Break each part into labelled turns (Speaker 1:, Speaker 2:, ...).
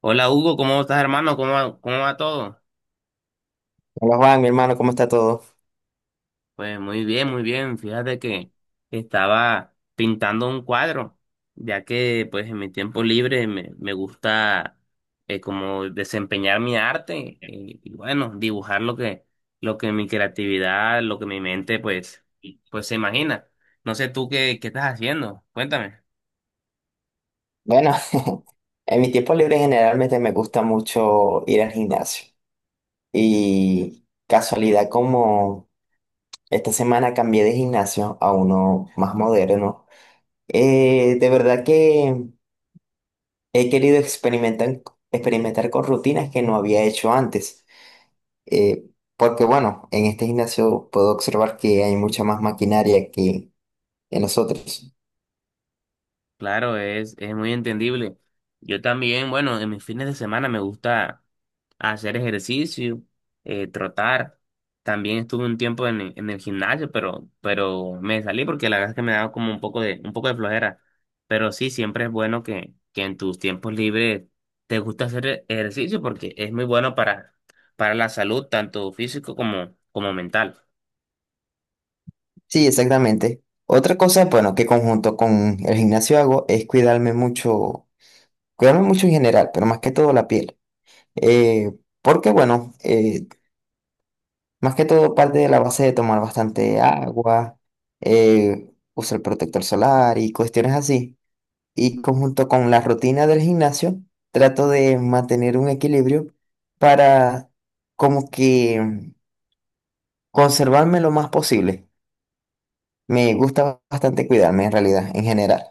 Speaker 1: Hola Hugo, ¿cómo estás hermano? Cómo va todo?
Speaker 2: Hola Juan, mi hermano, ¿cómo está todo?
Speaker 1: Pues muy bien, muy bien. Fíjate que estaba pintando un cuadro, ya que pues en mi tiempo libre me gusta como desempeñar mi arte y bueno, dibujar lo que mi creatividad, lo que mi mente pues se imagina. No sé tú qué estás haciendo, cuéntame.
Speaker 2: Bueno, en mi tiempo libre generalmente me gusta mucho ir al gimnasio. Y casualidad como esta semana cambié de gimnasio a uno más moderno. De verdad que he querido experimentar, experimentar con rutinas que no había hecho antes. Eh, Porque bueno, en este gimnasio puedo observar que hay mucha más maquinaria que en los otros.
Speaker 1: Claro, es muy entendible. Yo también, bueno, en mis fines de semana me gusta hacer ejercicio, trotar. También estuve un tiempo en el gimnasio, pero me salí porque la verdad es que me daba como un poco un poco de flojera. Pero sí, siempre es bueno que en tus tiempos libres te gusta hacer ejercicio porque es muy bueno para la salud, tanto físico como, como mental.
Speaker 2: Sí, exactamente. Otra cosa, bueno, que conjunto con el gimnasio hago es cuidarme mucho en general, pero más que todo la piel. Eh, Porque, bueno, más que todo parte de la base de tomar bastante agua, usar protector solar y cuestiones así. Y conjunto con la rutina del gimnasio, trato de mantener un equilibrio para como que conservarme lo más posible. Me gusta bastante cuidarme en realidad, en general.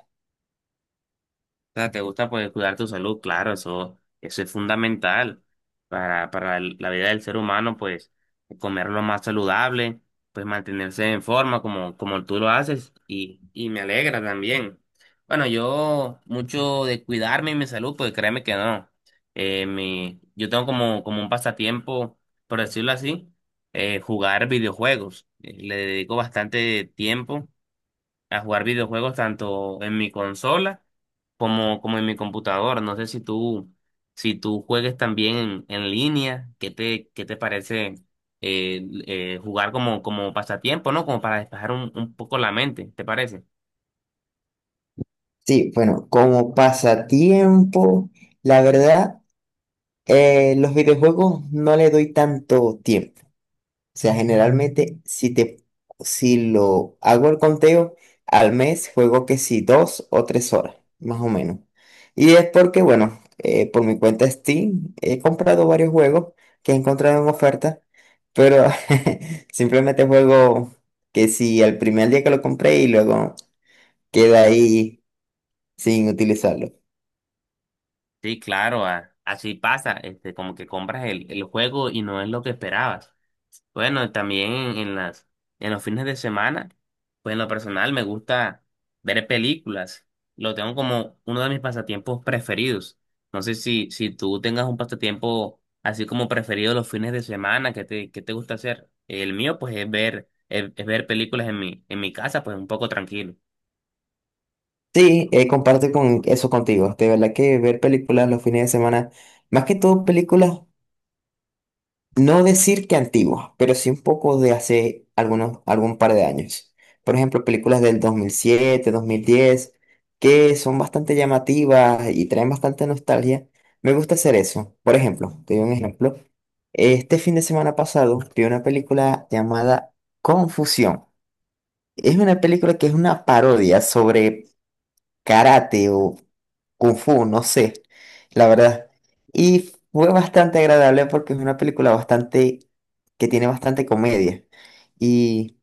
Speaker 1: O sea, te gusta pues cuidar tu salud, claro, eso es fundamental para la vida del ser humano, pues comer lo más saludable, pues mantenerse en forma como, como tú lo haces y me alegra también. Bueno, yo mucho de cuidarme y mi salud, pues créeme que no. Yo tengo como, como un pasatiempo, por decirlo así, jugar videojuegos. Le dedico bastante tiempo a jugar videojuegos tanto en mi consola como, como en mi computadora. No sé si tú, si tú juegues también en línea. ¿Qué qué te parece jugar como, como pasatiempo, ¿no? Como para despejar un poco la mente, ¿te parece?
Speaker 2: Sí, bueno, como pasatiempo, la verdad, los videojuegos no le doy tanto tiempo. O sea, generalmente, si lo hago el conteo, al mes juego que sí dos o tres horas, más o menos. Y es porque, bueno, por mi cuenta Steam he comprado varios juegos que he encontrado en oferta, pero simplemente juego que sí al primer día que lo compré y luego queda ahí sin utilizarlo.
Speaker 1: Sí, claro, así pasa, este, como que compras el juego y no es lo que esperabas. Bueno, también en las, en los fines de semana, pues en lo personal me gusta ver películas. Lo tengo como uno de mis pasatiempos preferidos. No sé si tú tengas un pasatiempo así como preferido los fines de semana, ¿qué qué te gusta hacer? El mío, pues, es ver películas en mi casa, pues un poco tranquilo.
Speaker 2: Sí, comparto con eso contigo. De verdad que ver películas los fines de semana, más que todo películas, no decir que antiguas, pero sí un poco de hace algunos, algún par de años. Por ejemplo, películas del dos mil siete, 2010, que son bastante llamativas y traen bastante nostalgia. Me gusta hacer eso. Por ejemplo, te doy un ejemplo. Este fin de semana pasado vi una película llamada Confusión. Es una película que es una parodia sobre karate o Kung Fu, no sé, la verdad. Y fue bastante agradable porque es una película bastante, que tiene bastante comedia. Y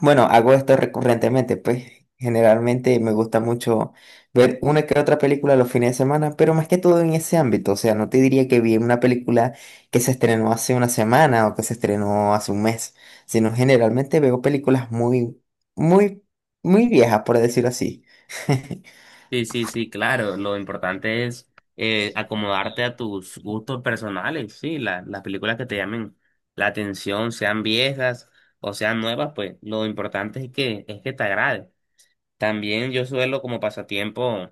Speaker 2: bueno, hago esto recurrentemente, pues generalmente me gusta mucho ver una que otra película los fines de semana, pero más que todo en ese ámbito. O sea, no te diría que vi una película que se estrenó hace una semana o que se estrenó hace un mes, sino generalmente veo películas muy, muy, muy viejas, por decirlo así.
Speaker 1: Sí, sí, sí, claro. Lo importante es acomodarte a tus gustos personales, sí. Las películas que te llamen la atención, sean viejas o sean nuevas, pues lo importante es es que te agrade. También yo suelo como pasatiempo,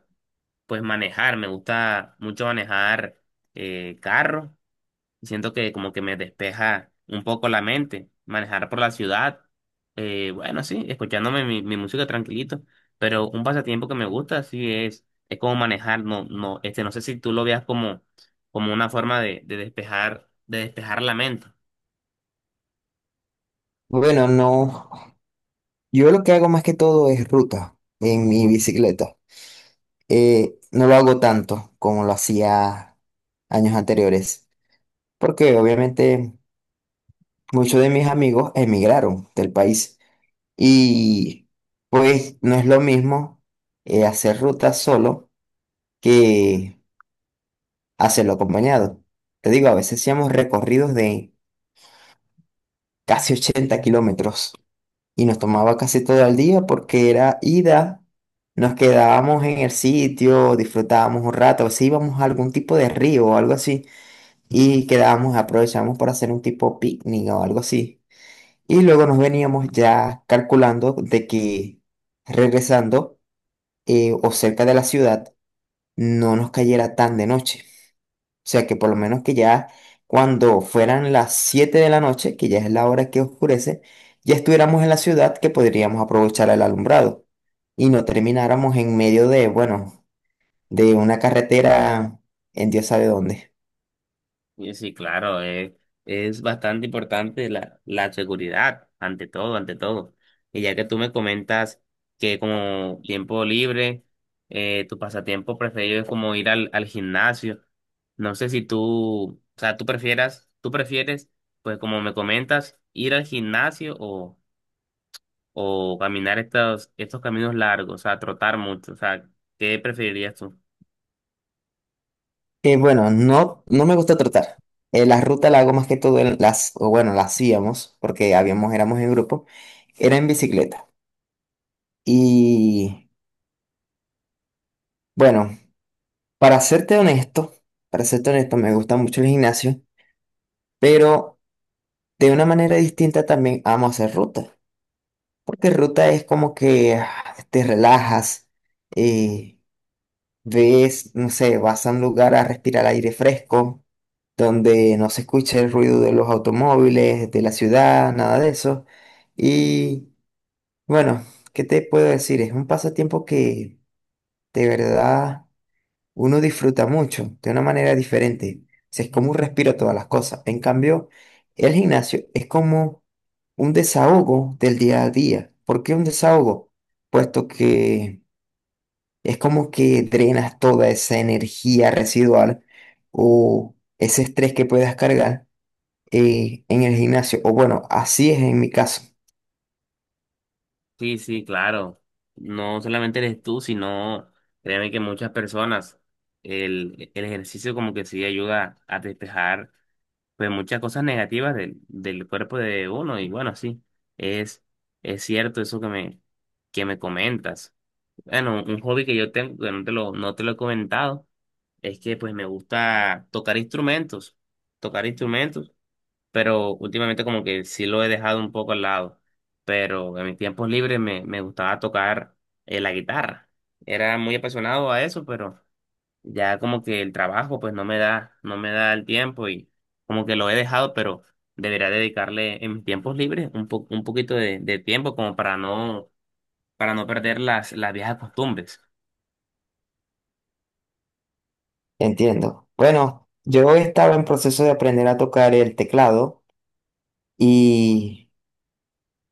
Speaker 1: pues manejar. Me gusta mucho manejar carro y siento que como que me despeja un poco la mente, manejar por la ciudad, bueno, sí, escuchándome mi música tranquilito, pero un pasatiempo que me gusta, sí, es como manejar. No, no, este, no sé si tú lo veas como, como una forma de despejar la mente.
Speaker 2: Bueno, no. Yo lo que hago más que todo es ruta en mi bicicleta. No lo hago tanto como lo hacía años anteriores, porque obviamente muchos de mis amigos emigraron del país y pues no es lo mismo, hacer ruta solo que hacerlo acompañado. Te digo, a veces hacíamos recorridos de casi 80 kilómetros, y nos tomaba casi todo el día porque era ida, nos quedábamos en el sitio, disfrutábamos un rato, si íbamos a algún tipo de río o algo así y quedábamos, aprovechábamos para hacer un tipo picnic o algo así. Y luego nos veníamos ya calculando de que regresando, o cerca de la ciudad, no nos cayera tan de noche. O sea que por lo menos que ya cuando fueran las 7 de la noche, que ya es la hora que oscurece, ya estuviéramos en la ciudad que podríamos aprovechar el alumbrado y no termináramos en medio de, bueno, de una carretera en Dios sabe dónde.
Speaker 1: Y sí, claro, es bastante importante la seguridad, ante todo, ante todo. Y ya que tú me comentas que como tiempo libre, tu pasatiempo preferido es como ir al gimnasio. No sé si tú, o sea, tú prefieres, pues como me comentas, ir al gimnasio o caminar estos caminos largos, o sea, trotar mucho. O sea, ¿qué preferirías tú?
Speaker 2: Bueno, no, no me gusta trotar. La ruta la hago más que todo en las, o bueno, la hacíamos, porque habíamos, éramos en grupo, era en bicicleta. Y bueno, para serte honesto, para serte honesto, me gusta mucho el gimnasio, pero de una manera distinta también amo hacer ruta, porque ruta es como que ah, te relajas, eh, ves, no sé, vas a un lugar a respirar aire fresco, donde no se escucha el ruido de los automóviles, de la ciudad, nada de eso. Y bueno, ¿qué te puedo decir? Es un pasatiempo que de verdad uno disfruta mucho de una manera diferente. O sea, es como un respiro a todas las cosas. En cambio, el gimnasio es como un desahogo del día a día. ¿Por qué un desahogo? Puesto que es como que drenas toda esa energía residual o ese estrés que puedas cargar, en el gimnasio. O bueno, así es en mi caso.
Speaker 1: Sí, sí, claro. No solamente eres tú, sino créeme que muchas personas, el ejercicio como que sí ayuda a despejar pues muchas cosas negativas del cuerpo de uno. Y bueno, sí, es, es cierto eso que me comentas. Bueno, un hobby que yo tengo, que no te lo he comentado, es que pues me gusta tocar instrumentos. Tocar instrumentos pero últimamente como que sí lo he dejado un poco al lado. Pero en mis tiempos libres me gustaba tocar la guitarra. Era muy apasionado a eso, pero ya como que el trabajo pues no me da el tiempo y como que lo he dejado, pero debería dedicarle en mis tiempos libres un poquito de tiempo como para para no perder las viejas costumbres.
Speaker 2: Entiendo. Bueno, yo estaba en proceso de aprender a tocar el teclado y...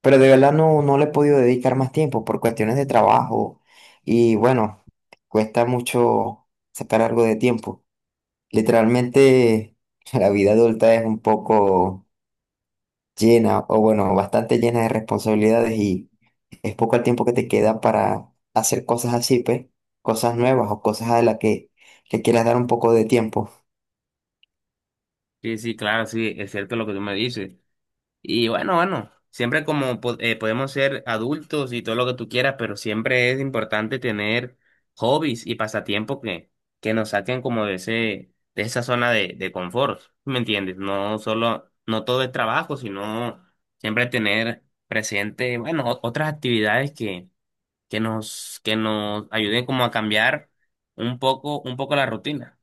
Speaker 2: pero de verdad no, no le he podido dedicar más tiempo por cuestiones de trabajo y bueno, cuesta mucho sacar algo de tiempo. Literalmente la vida adulta es un poco llena o bueno, bastante llena de responsabilidades y es poco el tiempo que te queda para hacer cosas así, pues, cosas nuevas o cosas a las que le quieras dar un poco de tiempo.
Speaker 1: Sí, sí, claro, sí, es cierto lo que tú me dices. Y bueno, siempre como podemos ser adultos y todo lo que tú quieras, pero siempre es importante tener hobbies y pasatiempos que nos saquen como de ese, de esa zona de confort, ¿me entiendes? No solo, no todo es trabajo, sino siempre tener presente, bueno, otras actividades que nos ayuden como a cambiar un poco la rutina.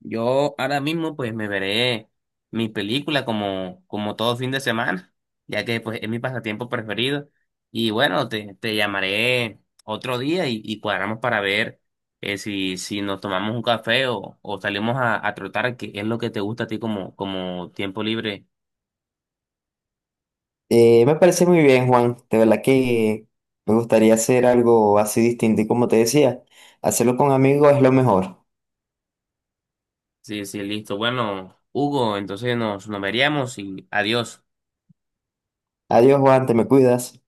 Speaker 1: Yo ahora mismo pues me veré mi película como, como todo fin de semana, ya que pues es mi pasatiempo preferido. Y bueno, te llamaré otro día y cuadramos para ver si nos tomamos un café o salimos a trotar, que es lo que te gusta a ti como, como tiempo libre.
Speaker 2: Me parece muy bien, Juan. De verdad que me gustaría hacer algo así distinto y como te decía, hacerlo con amigos es lo mejor.
Speaker 1: Sí, sí, listo. Bueno, Hugo, entonces nos veríamos y adiós.
Speaker 2: Adiós, Juan, te me cuidas.